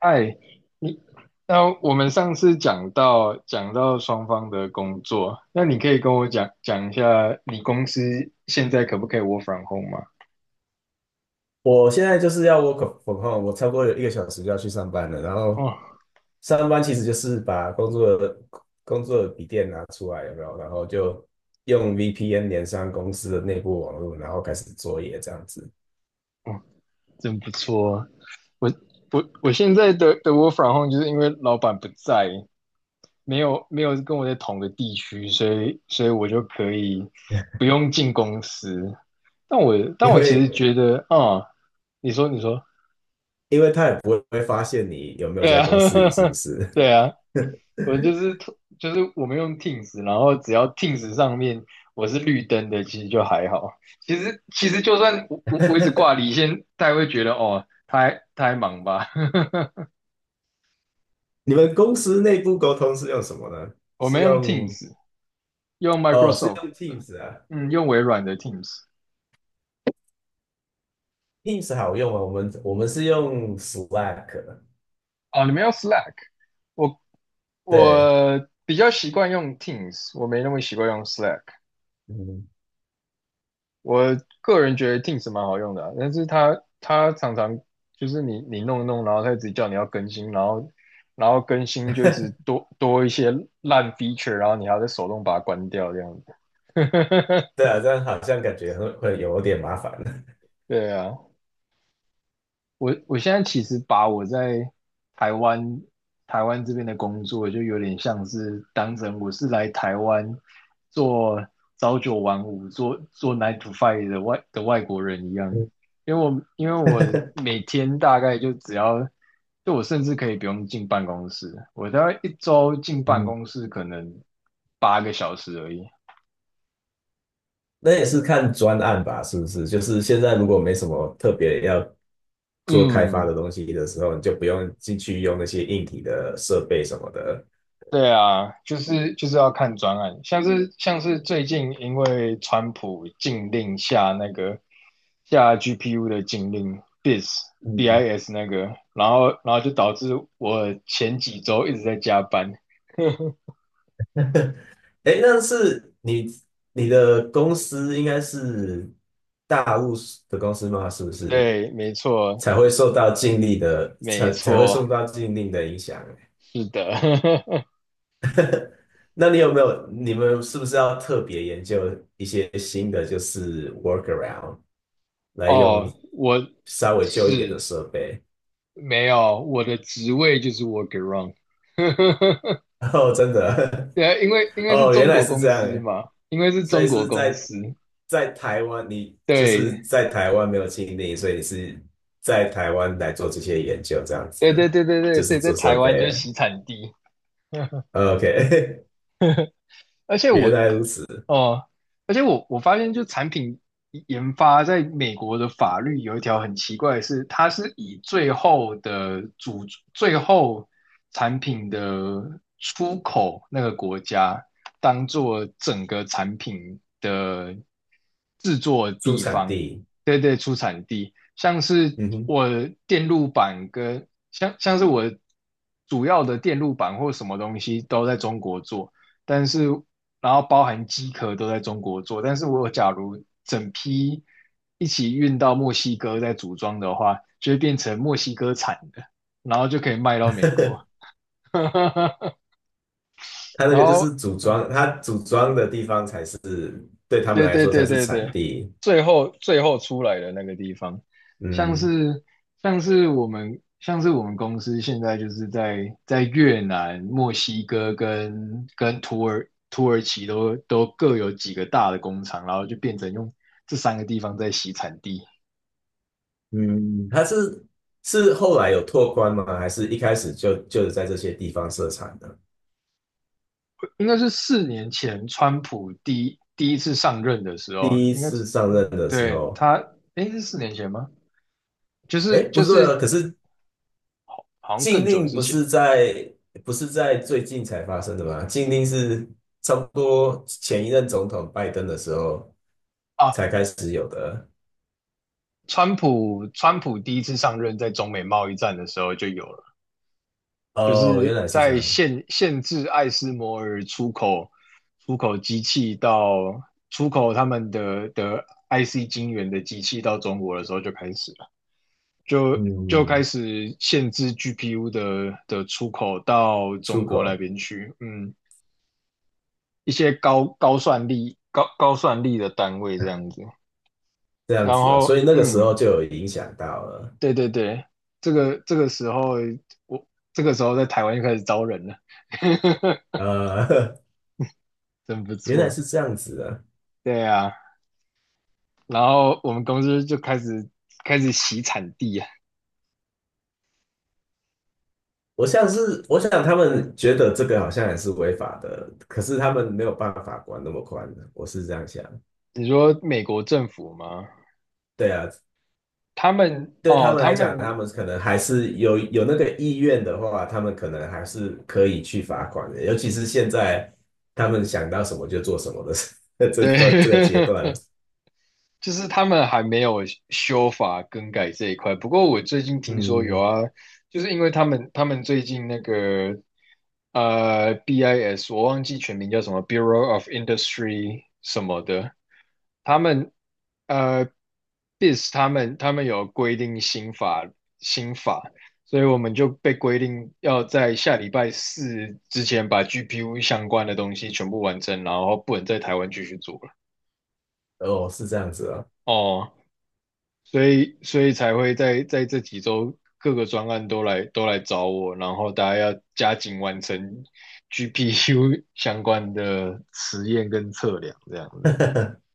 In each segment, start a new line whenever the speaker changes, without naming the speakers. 哎，你，那我们上次讲到双方的工作，那你可以跟我讲讲一下你公司现在可不可以 work from home 吗？
我现在就是要 work from home，我超过1个小时就要去上班了。然后
哦，
上班其实就是把工作的笔电拿出来，有没有？然后就用 VPN 连上公司的内部网络，然后开始作业这样子。
哦，真不错啊，我我现在的 work from home 就是因为老板不在，没有跟我在同个地区，所以我就可以不 用进公司。但我但
因
我其实
为
觉得，啊、你说，
因为他也不会发现你有没有
对
在
啊，
公司里，是不 是？
对啊。我就是我们用 Teams，然后只要 Teams 上面我是绿灯的，其实就还好。其实就算我一直挂离线，大家会觉得哦，他还忙吧。
你们公司内部沟通是用什么呢？
我
是
们用
用
Teams，用
哦，是
Microsoft，
用 Teams 啊
嗯，用微软的 Teams。
，Teams 好用啊，我们是用 Slack，
哦，你们用 Slack，我
对。
我比较习惯用 Teams，我没那么习惯用 Slack。
嗯
我个人觉得 Teams 蛮好用的啊但是它常常就是你弄一弄，然后它一直叫你要更新，然后更新就一直 多一些烂 feature，然后你还要再手动把它关掉这样子。
对 啊，这样好像感觉会有点麻烦。
对啊，我现在其实把我在台湾台湾这边的工作，就有点像是当成我是来台湾做朝九晚五、做 nine to five 的外国人一样，因为我 每天大概就只要，就我甚至可以不用进办公室，我大概一周进办
嗯，
公室可能8 个小时而已。
那也是看专案吧，是不是？就是现在如果没什么特别要做开发
嗯，
的东西的时候，你就不用进去用那些硬体的设备什么的。
对啊，就是要看专案，像是最近因为川普禁令下那个下 GPU 的禁令 BIS
嗯，
BIS 那个，然后就导致我前几周一直在加班。
哎，那是你你的公司应该是大陆的公司吗？是不是
对，没错，
才会
我
受到禁令的
没
才才会受
错，
到禁令的影响欸？
是的。
那你有没有，你们是不是要特别研究一些新的，就是 workaround 来用
哦，我
稍微旧一点的
是
设备？
没有我的职位就是 workaround。
哦，真的，
对啊，因为因 为是
哦，原
中
来
国
是
公
这
司
样，
嘛，因为是
所以
中国
是
公
在
司，
在台湾，你就是
对，
在台湾没有经历，所以你是在台湾来做这些研究，这样
对对
子，
对对对，
就
所
是
以在
做
台
设
湾就是
备。
洗产地。
OK，
而且 我
原来如此，
哦，而且我发现，就产品研发在美国的法律有一条很奇怪的是，它是以最后产品的出口那个国家当做整个产品的制作
出
地
产
方，
地，
对对，出产地，像是
嗯
我的电路板跟像是我主要的电路板或什么东西都在中国做。但是然后包含机壳都在中国做，但是我假如整批一起运到墨西哥再组装的话，就会变成墨西哥产的，然后就可以卖到美国。
哼，它那
然
个就
后，
是组
嗯，
装，它组装的地方才是对他们
对
来
对
说才
对
是
对
产
对，
地。
最后出来的那个地方，像
嗯
是像是我们公司现在就是在越南、墨西哥跟土耳其都各有几个大的工厂，然后就变成用这三个地方在洗产地。
嗯，它是是后来有拓宽吗？还是一开始就是在这些地方设厂的？
应该是四年前川普第一次上任的时候，
第一
应该是
次上任的时
对
候，
他，诶，是四年前吗？就
哎，
是
不
就
对
是
啊，可是
好像
禁
更久
令
之
不
前。
是在不是在最近才发生的吗？禁令是差不多前一任总统拜登的时候才
啊。
开始有的。
川普第一次上任，在中美贸易战的时候就有了，就
哦，原
是
来是这
在
样。
限制艾斯摩尔出口机器到出口他们的 IC 晶圆的机器到中国的时候就开始了，就开
嗯，
始限制 GPU 的出口到中
出
国那
口。
边去，嗯，一些高高算力的单位这样子，
这样
然
子啊，所
后
以那个时候
嗯，
就有影响到了。
对对对，这个这个时候我这个时候在台湾就开始招人了，
呃，
真不
原来
错。
是这样子啊。
对啊，然后我们公司就开始洗产地啊。
我像是，我想他们觉得这个好像也是违法的，可是他们没有办法管那么宽的，我是这样想。
你说美国政府吗？
对啊，
他们
对他
哦，
们
他
来讲，他
们
们可能还是有有那个意愿的话，他们可能还是可以去罚款的，尤其是现在他们想到什么就做什么的 这段这个阶
对，
段 了
就是他们还没有修法更改这一块。不过我最近听说有
嗯，
啊，就是因为他们最近那个BIS，我忘记全名叫什么 Bureau of Industry 什么的，他们呃 BIS 他们有规定新法，所以我们就被规定要在下礼拜四之前把 GPU 相关的东西全部完成，然后不能在台湾继续做了。
哦，是这样子啊，
哦，所以才会在这几周各个专案都来找我，然后大家要加紧完成 GPU 相关的实验跟测量，这样子。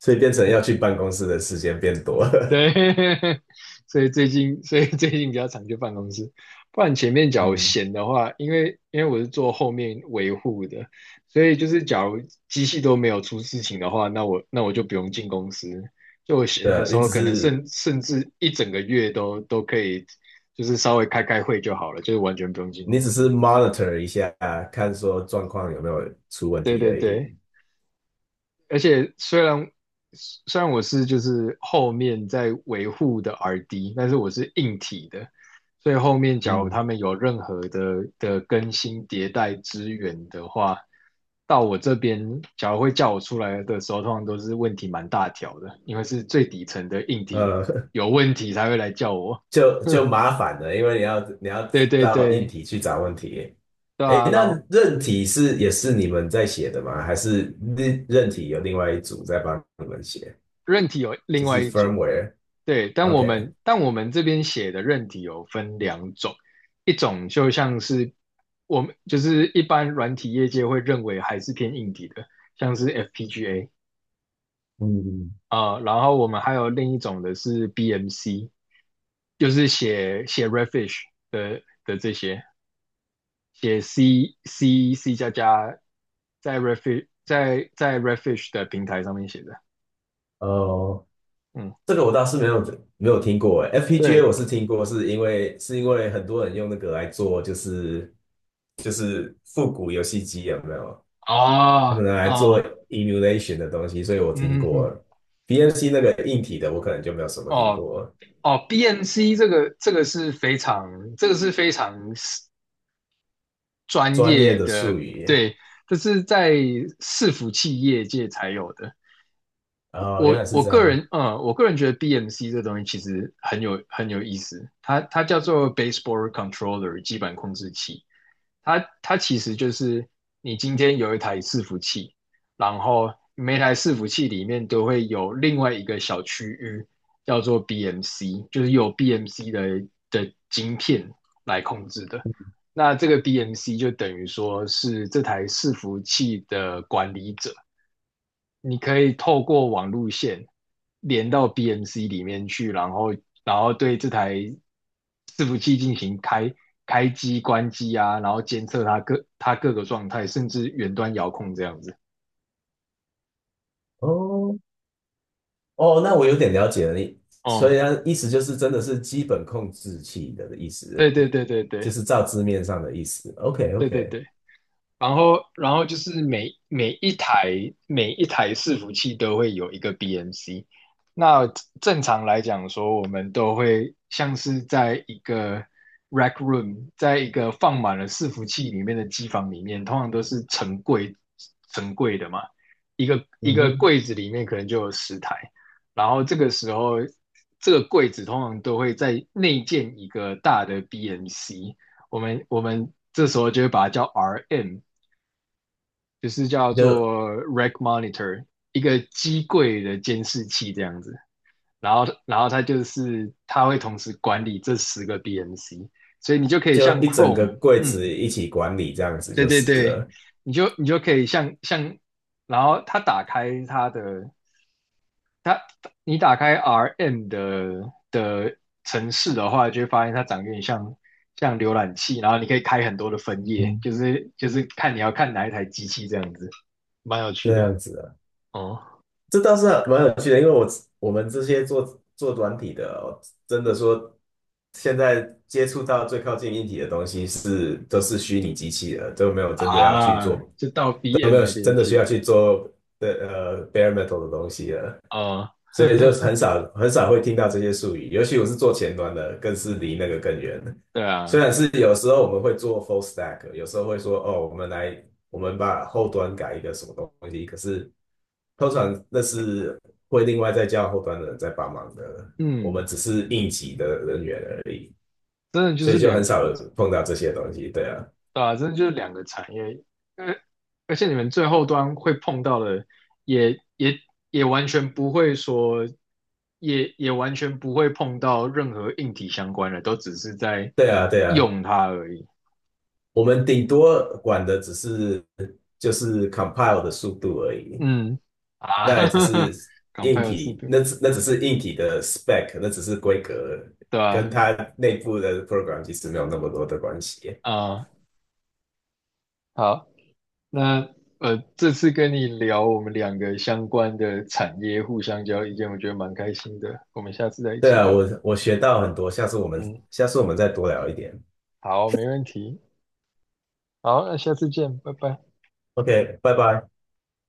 所以变成要去办公室的时间变多了。
对，所以最近比较常去办公室，不然前面假如
嗯，
闲的话，因为我是做后面维护的，所以就是假如机器都没有出事情的话，那我就不用进公司。就我
对
闲的
啊
时
你
候，
只
可能
是
甚至一整个月都可以，就是稍微开开会就好了，就是完全不用进
你
公
只
司。
是 monitor 一下，看说状况有没有出问
对
题
对
而
对。
已。
而且虽然我是就是后面在维护的 RD，但是我是硬体的，所以后面假如他
嗯，
们有任何的更新迭代支援的话，到我这边假如会叫我出来的时候，通常都是问题蛮大条的，因为是最底层的硬体
呃，
有问题才会来叫我。
就就麻烦了，因为你要
对对
到硬
对，
体去找问题。
对
诶，
啊，然
那
后
韧体是也是你们在写的吗？还是韧体有另外一组在帮你们写？
韧体有另
就
外
是
一组，
firmware。
对，但我
OK。
们但我们这边写的韧体有分2 种，一种就像是我们就是一般软体业界会认为还是偏硬体的，像是 FPGA
嗯，
啊、然后我们还有另一种的是 BMC，就是写写 Redfish 的这些，写 C 加加在 Redfish 的平台上面写的，
哦，
嗯，
这个我倒是没有没有听过诶，FPGA
对，
我是听过，是因为很多人用那个来做，就是复古游戏机有没有？他
哦
们拿来做
哦，
emulation 的东西，所以我听
嗯哼哼
过。BMC 那个硬体的，我可能就没有什么听
哦
过
哦，BMC 这个这个是非常这个是非常专
专业
业
的
的，
术语。
对，这是在伺服器业界才有的。
哦，原来
我
是
我
这
个
样。
人，嗯，我个人觉得 BMC 这东西其实很有意思，它它叫做 Baseboard Controller 基板控制器。它其实就是你今天有一台伺服器，然后每台伺服器里面都会有另外一个小区域叫做 BMC，就是有 BMC 的晶片来控制的。那这个 BMC 就等于说是这台伺服器的管理者，你可以透过网路线连到 BMC 里面去，然后对这台伺服器进行开机、关机啊，然后监测它各个状态，甚至远端遥控这样子。
哦哦，那我有点了解了。你所以它
哦，
意思就是真的是基本控制器的意思，
对对对对
就
对
是照字面上的意思。OK
对对
OK，
对。然后就是每一台伺服器都会有一个 BMC。那正常来讲说，我们都会像是在一个 rack room，在一个放满了伺服器里面的机房里面，通常都是成柜成柜的嘛，一个一
嗯
个
哼，
柜子里面可能就有10 台。然后这个时候，这个柜子通常都会在内建一个大的 BMC。我们这时候就会把它叫 RM，就是叫
就
做 rack monitor，一个机柜的监视器这样子。然后它就是它会同时管理这10 个 BMC，所以你就可以
就
像
一整个
Chrome，
柜子
嗯，
一起管理这样子
对
就
对
是
对，
了，
你就可以像，然后它打开它的它，你打开 RM 的城市的话，就会发现它长得有点像浏览器，然后你可以开很多的分页，
嗯，
就是看你要看哪一台机器这样子，蛮有
这
趣的。
样子啊，
哦，
这倒是蛮有趣的，因为我们这些做软体的哦，真的说现在接触到最靠近硬体的东西是都是虚拟机器了，都没有真的要去
啊，
做
就到
有
BM
没有
那边
真的需要
去
去做的bare metal 的东西啊？
啊，
所以就很 少很少会听到这些术语，尤其我是做前端的，更是离那个更远。
对
虽
啊，
然是有时候我们会做 full stack，有时候会说哦，我们来我们把后端改一个什么东西，可是通常那是会另外再叫后端的人在帮忙的，我
嗯，
们只是应急的人员而已，
真的就
所
是
以就
两
很少
个，
碰到这些东西。对啊，
对啊，真的就是两个产业，而而且你们最后端会碰到的也，也也完全不会说，也完全不会碰到任何硬体相关的，都只是在
对啊，对啊。
用它而已。
我们顶多管的只是就是 compile 的速度而已，
嗯，啊，
那也只是
港派
硬
有速
体，
度，
那只是硬体的 spec，那只是规格，
对啊，
跟它内部的 program 其实没有那么多的关系。
啊，好。那这次跟你聊我们两个相关的产业，互相交意见，我觉得蛮开心的。我们下次再一
对
起
啊，
聊。
我学到很多，下次我们
嗯，
下次我们再多聊一点。
好，没问题。好，那下次见，拜拜。
OK，拜拜。